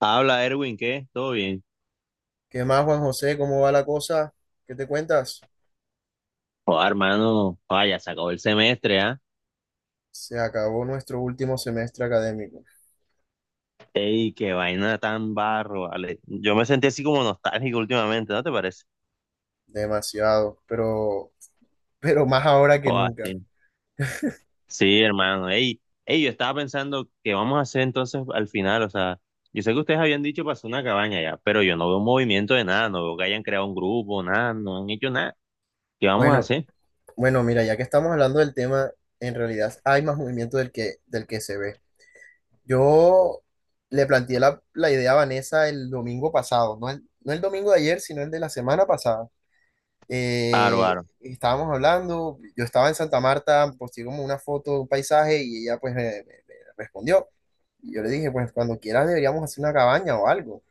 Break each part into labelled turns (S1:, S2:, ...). S1: Habla Erwin, ¿qué? ¿Todo bien?
S2: ¿Qué más, Juan José? ¿Cómo va la cosa? ¿Qué te cuentas?
S1: Joder, hermano, vaya, se acabó el semestre, ¿ah?
S2: Se acabó nuestro último semestre académico.
S1: Ey, qué vaina tan barro, vale. Yo me sentí así como nostálgico últimamente, ¿no te parece?
S2: Demasiado, pero, pero más ahora que
S1: Joder,
S2: nunca.
S1: sí. Sí, hermano, ey, yo estaba pensando qué vamos a hacer entonces al final, o sea, yo sé que ustedes habían dicho para hacer una cabaña ya, pero yo no veo movimiento de nada, no veo que hayan creado un grupo, nada, no han hecho nada. ¿Qué vamos a
S2: Bueno,
S1: hacer?
S2: bueno, mira, ya que estamos hablando del tema, en realidad hay más movimiento del que se ve. Yo le planteé la idea a Vanessa el domingo pasado, no el domingo de ayer, sino el de la semana pasada.
S1: Aro.
S2: Estábamos hablando, yo estaba en Santa Marta, posté como una foto, un paisaje y ella pues me respondió. Y yo le dije, pues cuando quieras deberíamos hacer una cabaña o algo.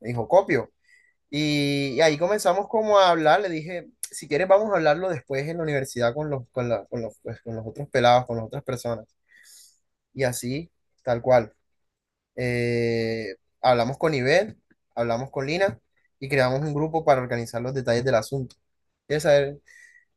S2: Me dijo, copio. Y ahí comenzamos como a hablar, le dije, si quieres vamos a hablarlo después en la universidad con los, con la- con los, pues, con los otros pelados, con las otras personas. Y así, tal cual. Hablamos con Ivel, hablamos con Lina y creamos un grupo para organizar los detalles del asunto. ¿Quieres saber?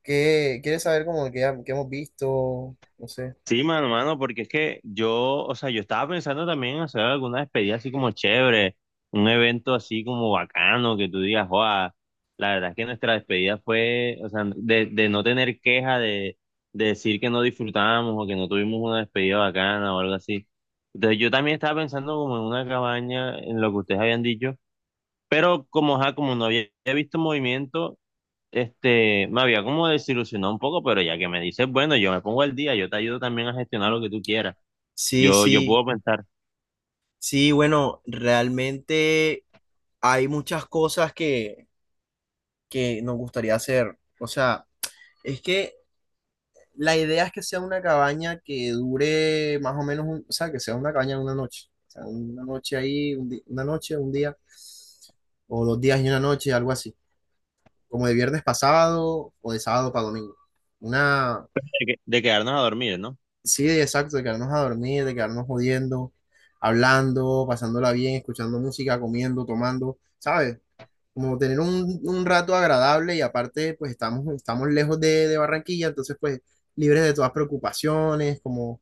S2: ¿Qué quieres saber como que hemos visto? No sé.
S1: Sí, mano, porque es que yo, o sea, yo estaba pensando también en hacer alguna despedida así como chévere, un evento así como bacano, que tú digas, joa, la verdad es que nuestra despedida fue, o sea, de no tener queja, de decir que no disfrutamos o que no tuvimos una despedida bacana o algo así. Entonces yo también estaba pensando como en una cabaña, en lo que ustedes habían dicho, pero como, ajá, como no había visto movimiento, me había como desilusionado un poco, pero ya que me dices, bueno, yo me pongo al día, yo te ayudo también a gestionar lo que tú quieras.
S2: Sí,
S1: Yo
S2: sí,
S1: puedo pensar
S2: sí, bueno, realmente hay muchas cosas que nos gustaría hacer. O sea, es que la idea es que sea una cabaña que dure más o menos, o sea, que sea una cabaña de una noche. O sea, una noche ahí, una noche, un día, o dos días y una noche, algo así. Como de viernes pasado o de sábado para domingo. Una.
S1: de quedarnos a dormir, ¿no?
S2: Sí, exacto, de quedarnos a dormir, de quedarnos jodiendo, hablando, pasándola bien, escuchando música, comiendo, tomando, ¿sabes? Como tener un rato agradable y aparte, pues estamos lejos de Barranquilla, entonces pues libres de todas preocupaciones, como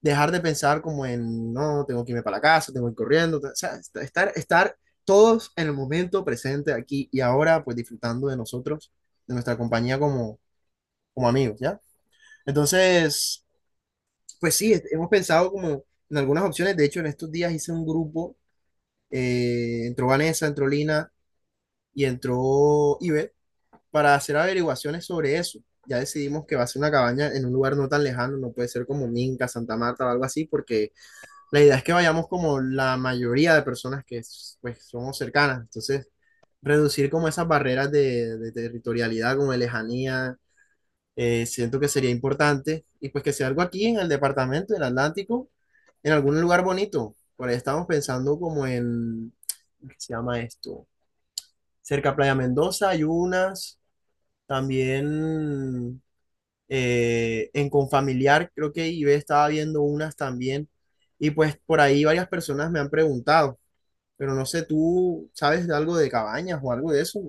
S2: dejar de pensar como en, no, tengo que irme para la casa, tengo que ir corriendo, o sea, estar todos en el momento presente aquí y ahora, pues disfrutando de nosotros, de nuestra compañía como, como amigos, ¿ya? Entonces... Pues sí, hemos pensado como en algunas opciones. De hecho, en estos días hice un grupo, entró Vanessa, entró Lina y entró Ibe para hacer averiguaciones sobre eso. Ya decidimos que va a ser una cabaña en un lugar no tan lejano, no puede ser como Minca, Santa Marta o algo así, porque la idea es que vayamos como la mayoría de personas que pues somos cercanas. Entonces, reducir como esas barreras de territorialidad, como de lejanía siento que sería importante y pues que sea algo aquí en el departamento del Atlántico, en algún lugar bonito. Por ahí estamos pensando como en, ¿qué se llama esto? Cerca a Playa Mendoza hay unas, también en Confamiliar creo que Ibe estaba viendo unas también y pues por ahí varias personas me han preguntado, pero no sé, ¿tú sabes de algo de cabañas o algo de eso?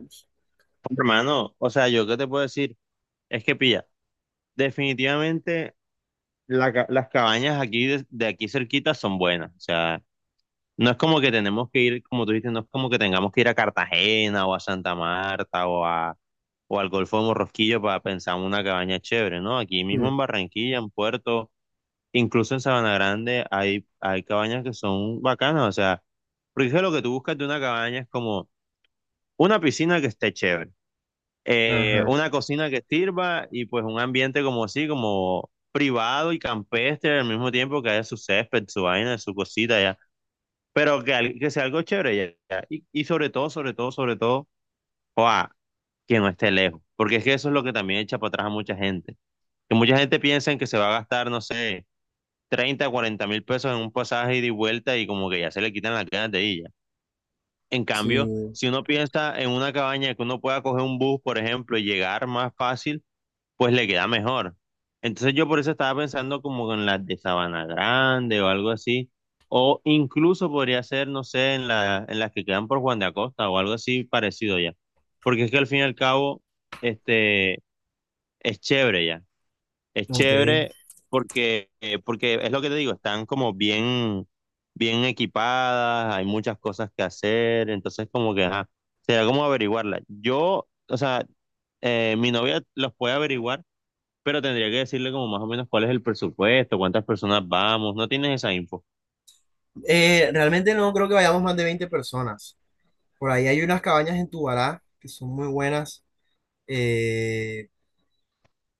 S1: Hermano, o sea, yo qué te puedo decir, es que pilla, definitivamente las cabañas aquí de aquí cerquita son buenas, o sea, no es como que tenemos que ir, como tú dices, no es como que tengamos que ir a Cartagena o a Santa Marta o a, o al Golfo de Morrosquillo para pensar en una cabaña chévere, ¿no? Aquí mismo
S2: Hmm,
S1: en Barranquilla, en Puerto. Incluso en Sabana Grande hay cabañas que son bacanas, o sea, porque es que lo que tú buscas de una cabaña es como una piscina que esté chévere,
S2: ajá,
S1: una cocina que sirva y pues un ambiente como así, como privado y campestre al mismo tiempo que haya su césped, su vaina, su cosita ya, pero que, al- que sea algo chévere ya, ya. Y sobre todo, sobre todo, sobre todo, ¡guau!, que no esté lejos, porque es que eso es lo que también echa para atrás a mucha gente, que mucha gente piensa en que se va a gastar, no sé, 30, 40 mil pesos en un pasaje ida y vuelta y como que ya se le quitan las ganas de ella. En
S2: sí,
S1: cambio, si uno piensa en una cabaña que uno pueda coger un bus, por ejemplo, y llegar más fácil, pues le queda mejor. Entonces yo por eso estaba pensando como en las de Sabana Grande o algo así, o incluso podría ser, no sé, en las que quedan por Juan de Acosta o algo así parecido ya. Porque es que al fin y al cabo, este, es chévere ya, es
S2: ok.
S1: chévere, porque, porque es lo que te digo, están como bien, bien equipadas, hay muchas cosas que hacer, entonces como que, ajá, será como averiguarla. Yo, o sea, mi novia los puede averiguar, pero tendría que decirle como más o menos cuál es el presupuesto, cuántas personas vamos, no tienes esa info.
S2: Realmente no creo que vayamos más de 20 personas. Por ahí hay unas cabañas en Tubará que son muy buenas, eh,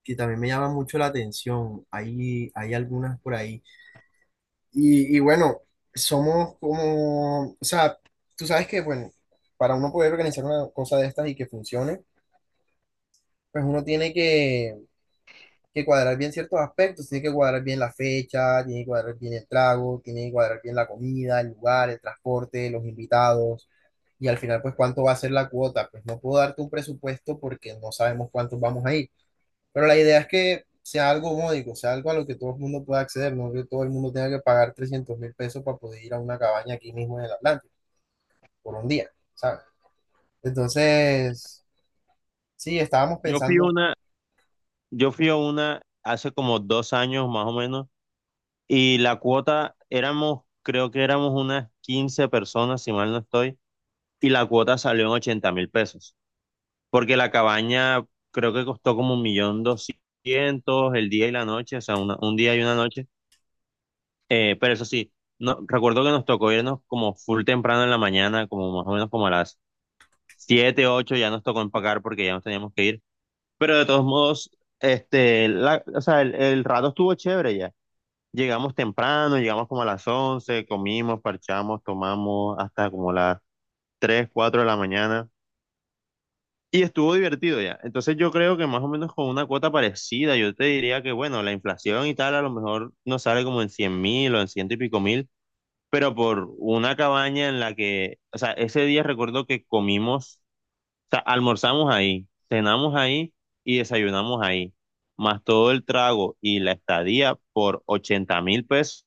S2: que también me llaman mucho la atención. Hay algunas por ahí. Y bueno, somos como, o sea, tú sabes que, bueno, para uno poder organizar una cosa de estas y que funcione, pues uno tiene que cuadrar bien ciertos aspectos, tiene que cuadrar bien la fecha, tiene que cuadrar bien el trago, tiene que cuadrar bien la comida, el lugar, el transporte, los invitados, y al final, pues, cuánto va a ser la cuota. Pues no puedo darte un presupuesto porque no sabemos cuántos vamos a ir, pero la idea es que sea algo módico, sea algo a lo que todo el mundo pueda acceder, no que todo el mundo tenga que pagar 300.000 pesos para poder ir a una cabaña aquí mismo en el Atlántico por un día, ¿sabes? Entonces, sí, estábamos
S1: Yo fui a
S2: pensando.
S1: una, yo fui a una hace como 2 años más o menos, y la cuota éramos, creo que éramos unas 15 personas, si mal no estoy, y la cuota salió en 80.000 pesos, porque la cabaña creo que costó como un millón doscientos el día y la noche, o sea, un día y una noche. Pero eso sí, no, recuerdo que nos tocó irnos como full temprano en la mañana, como más o menos como a las 7 8 ya nos tocó empacar porque ya nos teníamos que ir, pero de todos modos, o sea, el rato estuvo chévere ya. Llegamos temprano, llegamos como a las 11, comimos, parchamos, tomamos hasta como las 3 4 de la mañana. Y estuvo divertido ya. Entonces yo creo que más o menos con una cuota parecida, yo te diría que, bueno, la inflación y tal a lo mejor nos sale como en 100.000 o en ciento y pico mil, pero por una cabaña en la que, o sea, ese día recuerdo que comimos, o sea, almorzamos ahí, cenamos ahí y desayunamos ahí, más todo el trago y la estadía por 80.000 pesos.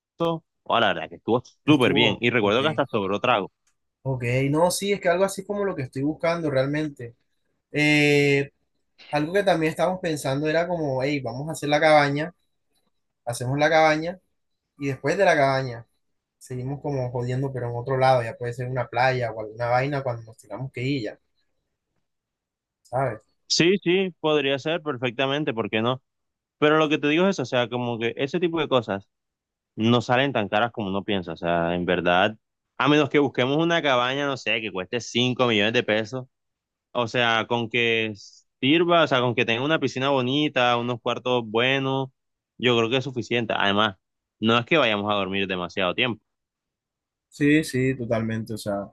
S1: Oh, la verdad que estuvo súper bien.
S2: Estuvo,
S1: Y
S2: ok.
S1: recuerdo que hasta sobró trago.
S2: Ok, no, sí, es que algo así es como lo que estoy buscando realmente. Eh, algo que también estábamos pensando era como, hey, vamos a hacer la cabaña, hacemos la cabaña y después de la cabaña seguimos como jodiendo, pero en otro lado, ya puede ser una playa o alguna vaina cuando nos tengamos que ir ya, ¿sabes?
S1: Sí, sí, podría ser perfectamente, ¿por qué no? Pero lo que te digo es eso, o sea, como que ese tipo de cosas no salen tan caras como uno piensa, o sea, en verdad, a menos que busquemos una cabaña, no sé, que cueste 5 millones de pesos, o sea, con que sirva, o sea, con que tenga una piscina bonita, unos cuartos buenos, yo creo que es suficiente. Además, no es que vayamos a dormir demasiado tiempo.
S2: Sí, sí, totalmente. O sea,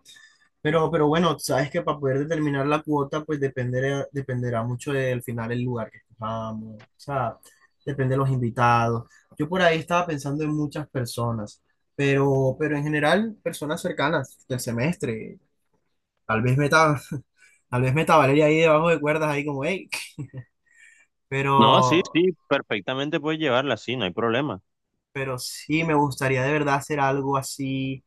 S2: pero bueno, sabes que para poder determinar la cuota, pues dependerá mucho del final el lugar que escojamos, o sea, depende de los invitados. Yo por ahí estaba pensando en muchas personas, pero en general, personas cercanas del semestre. Tal vez meta, tal vez meta a Valeria ahí debajo de cuerdas, ahí como, hey,
S1: No, sí,
S2: pero,
S1: sí, perfectamente puedes llevarla, sí, no hay problema.
S2: pero sí me gustaría de verdad hacer algo así,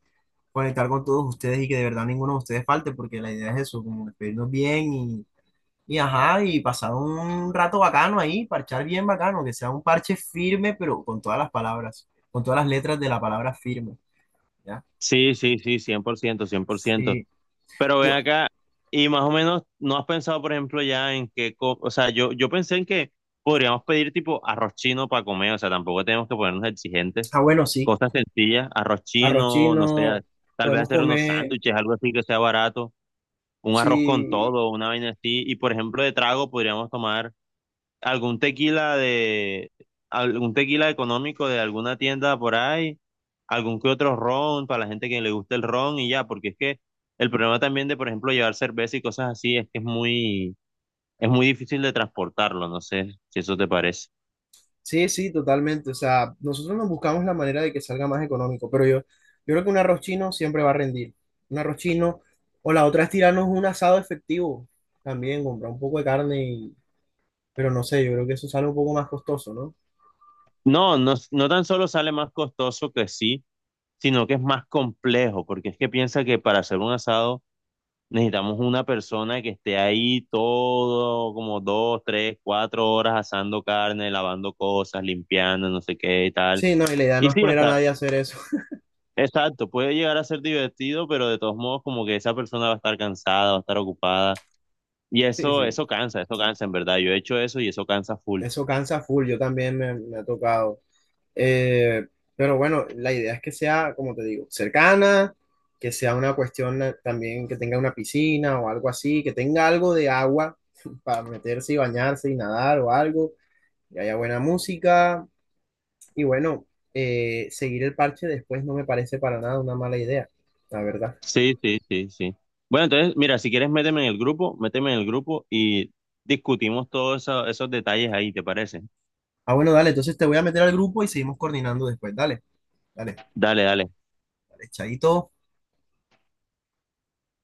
S2: conectar con todos ustedes y que de verdad ninguno de ustedes falte, porque la idea es eso, como despedirnos bien. Y ajá, y pasar un rato bacano ahí, parchar bien bacano, que sea un parche firme, pero con todas las palabras, con todas las letras de la palabra firme, ¿ya?
S1: Sí, sí, sí, cien por ciento, 100%.
S2: Sí,
S1: Pero ven
S2: yo,
S1: acá, y más o menos, ¿no has pensado, por ejemplo, ya en qué, co- o sea, yo pensé en que podríamos pedir tipo arroz chino para comer, o sea, tampoco tenemos que ponernos exigentes,
S2: ah, bueno, sí,
S1: cosas sencillas, arroz
S2: arroz
S1: chino, no sé, a-
S2: chino,
S1: tal vez
S2: podemos
S1: hacer unos
S2: comer,
S1: sándwiches, algo así que sea barato, un arroz con
S2: sí,
S1: todo, una vaina así, y por ejemplo, de trago podríamos tomar algún tequila de, algún tequila económico de alguna tienda por ahí, algún que otro ron para la gente que le guste el ron y ya, porque es que el problema también de, por ejemplo, llevar cerveza y cosas así es que es muy difícil de transportarlo, no sé si eso te parece.
S2: sí, sí, totalmente, o sea, nosotros nos buscamos la manera de que salga más económico, pero yo creo que un arroz chino siempre va a rendir, un arroz chino, o la otra es tirarnos un asado efectivo, también, comprar un poco de carne, y- pero no sé, yo creo que eso sale un poco más costoso, ¿no?
S1: No, no, no tan solo sale más costoso, que sí, sino que es más complejo, porque es que piensa que para hacer un asado necesitamos una persona que esté ahí todo, como dos, tres, cuatro horas asando carne, lavando cosas, limpiando, no sé qué y tal.
S2: Sí, no, y la idea no
S1: Y
S2: es
S1: sí, o
S2: poner a
S1: sea,
S2: nadie a hacer eso.
S1: exacto, puede llegar a ser divertido, pero de todos modos como que esa persona va a estar cansada, va a estar ocupada. Y
S2: Sí,
S1: eso,
S2: sí,
S1: eso cansa en verdad. Yo he hecho eso y eso cansa full.
S2: eso cansa full, yo también me ha tocado. Eh, pero bueno, la idea es que sea, como te digo, cercana, que sea una cuestión también que tenga una piscina o algo así, que tenga algo de agua para meterse y bañarse y nadar o algo, que haya buena música. Y bueno, seguir el parche después no me parece para nada una mala idea, la verdad.
S1: Sí, sí, sí, sí. Bueno, entonces, mira, si quieres, méteme en el grupo, méteme en el grupo y discutimos esos detalles ahí, ¿te parece?
S2: Ah, bueno, dale, entonces te voy a meter al grupo y seguimos coordinando después. Dale, dale,
S1: Dale, dale.
S2: dale, chaito.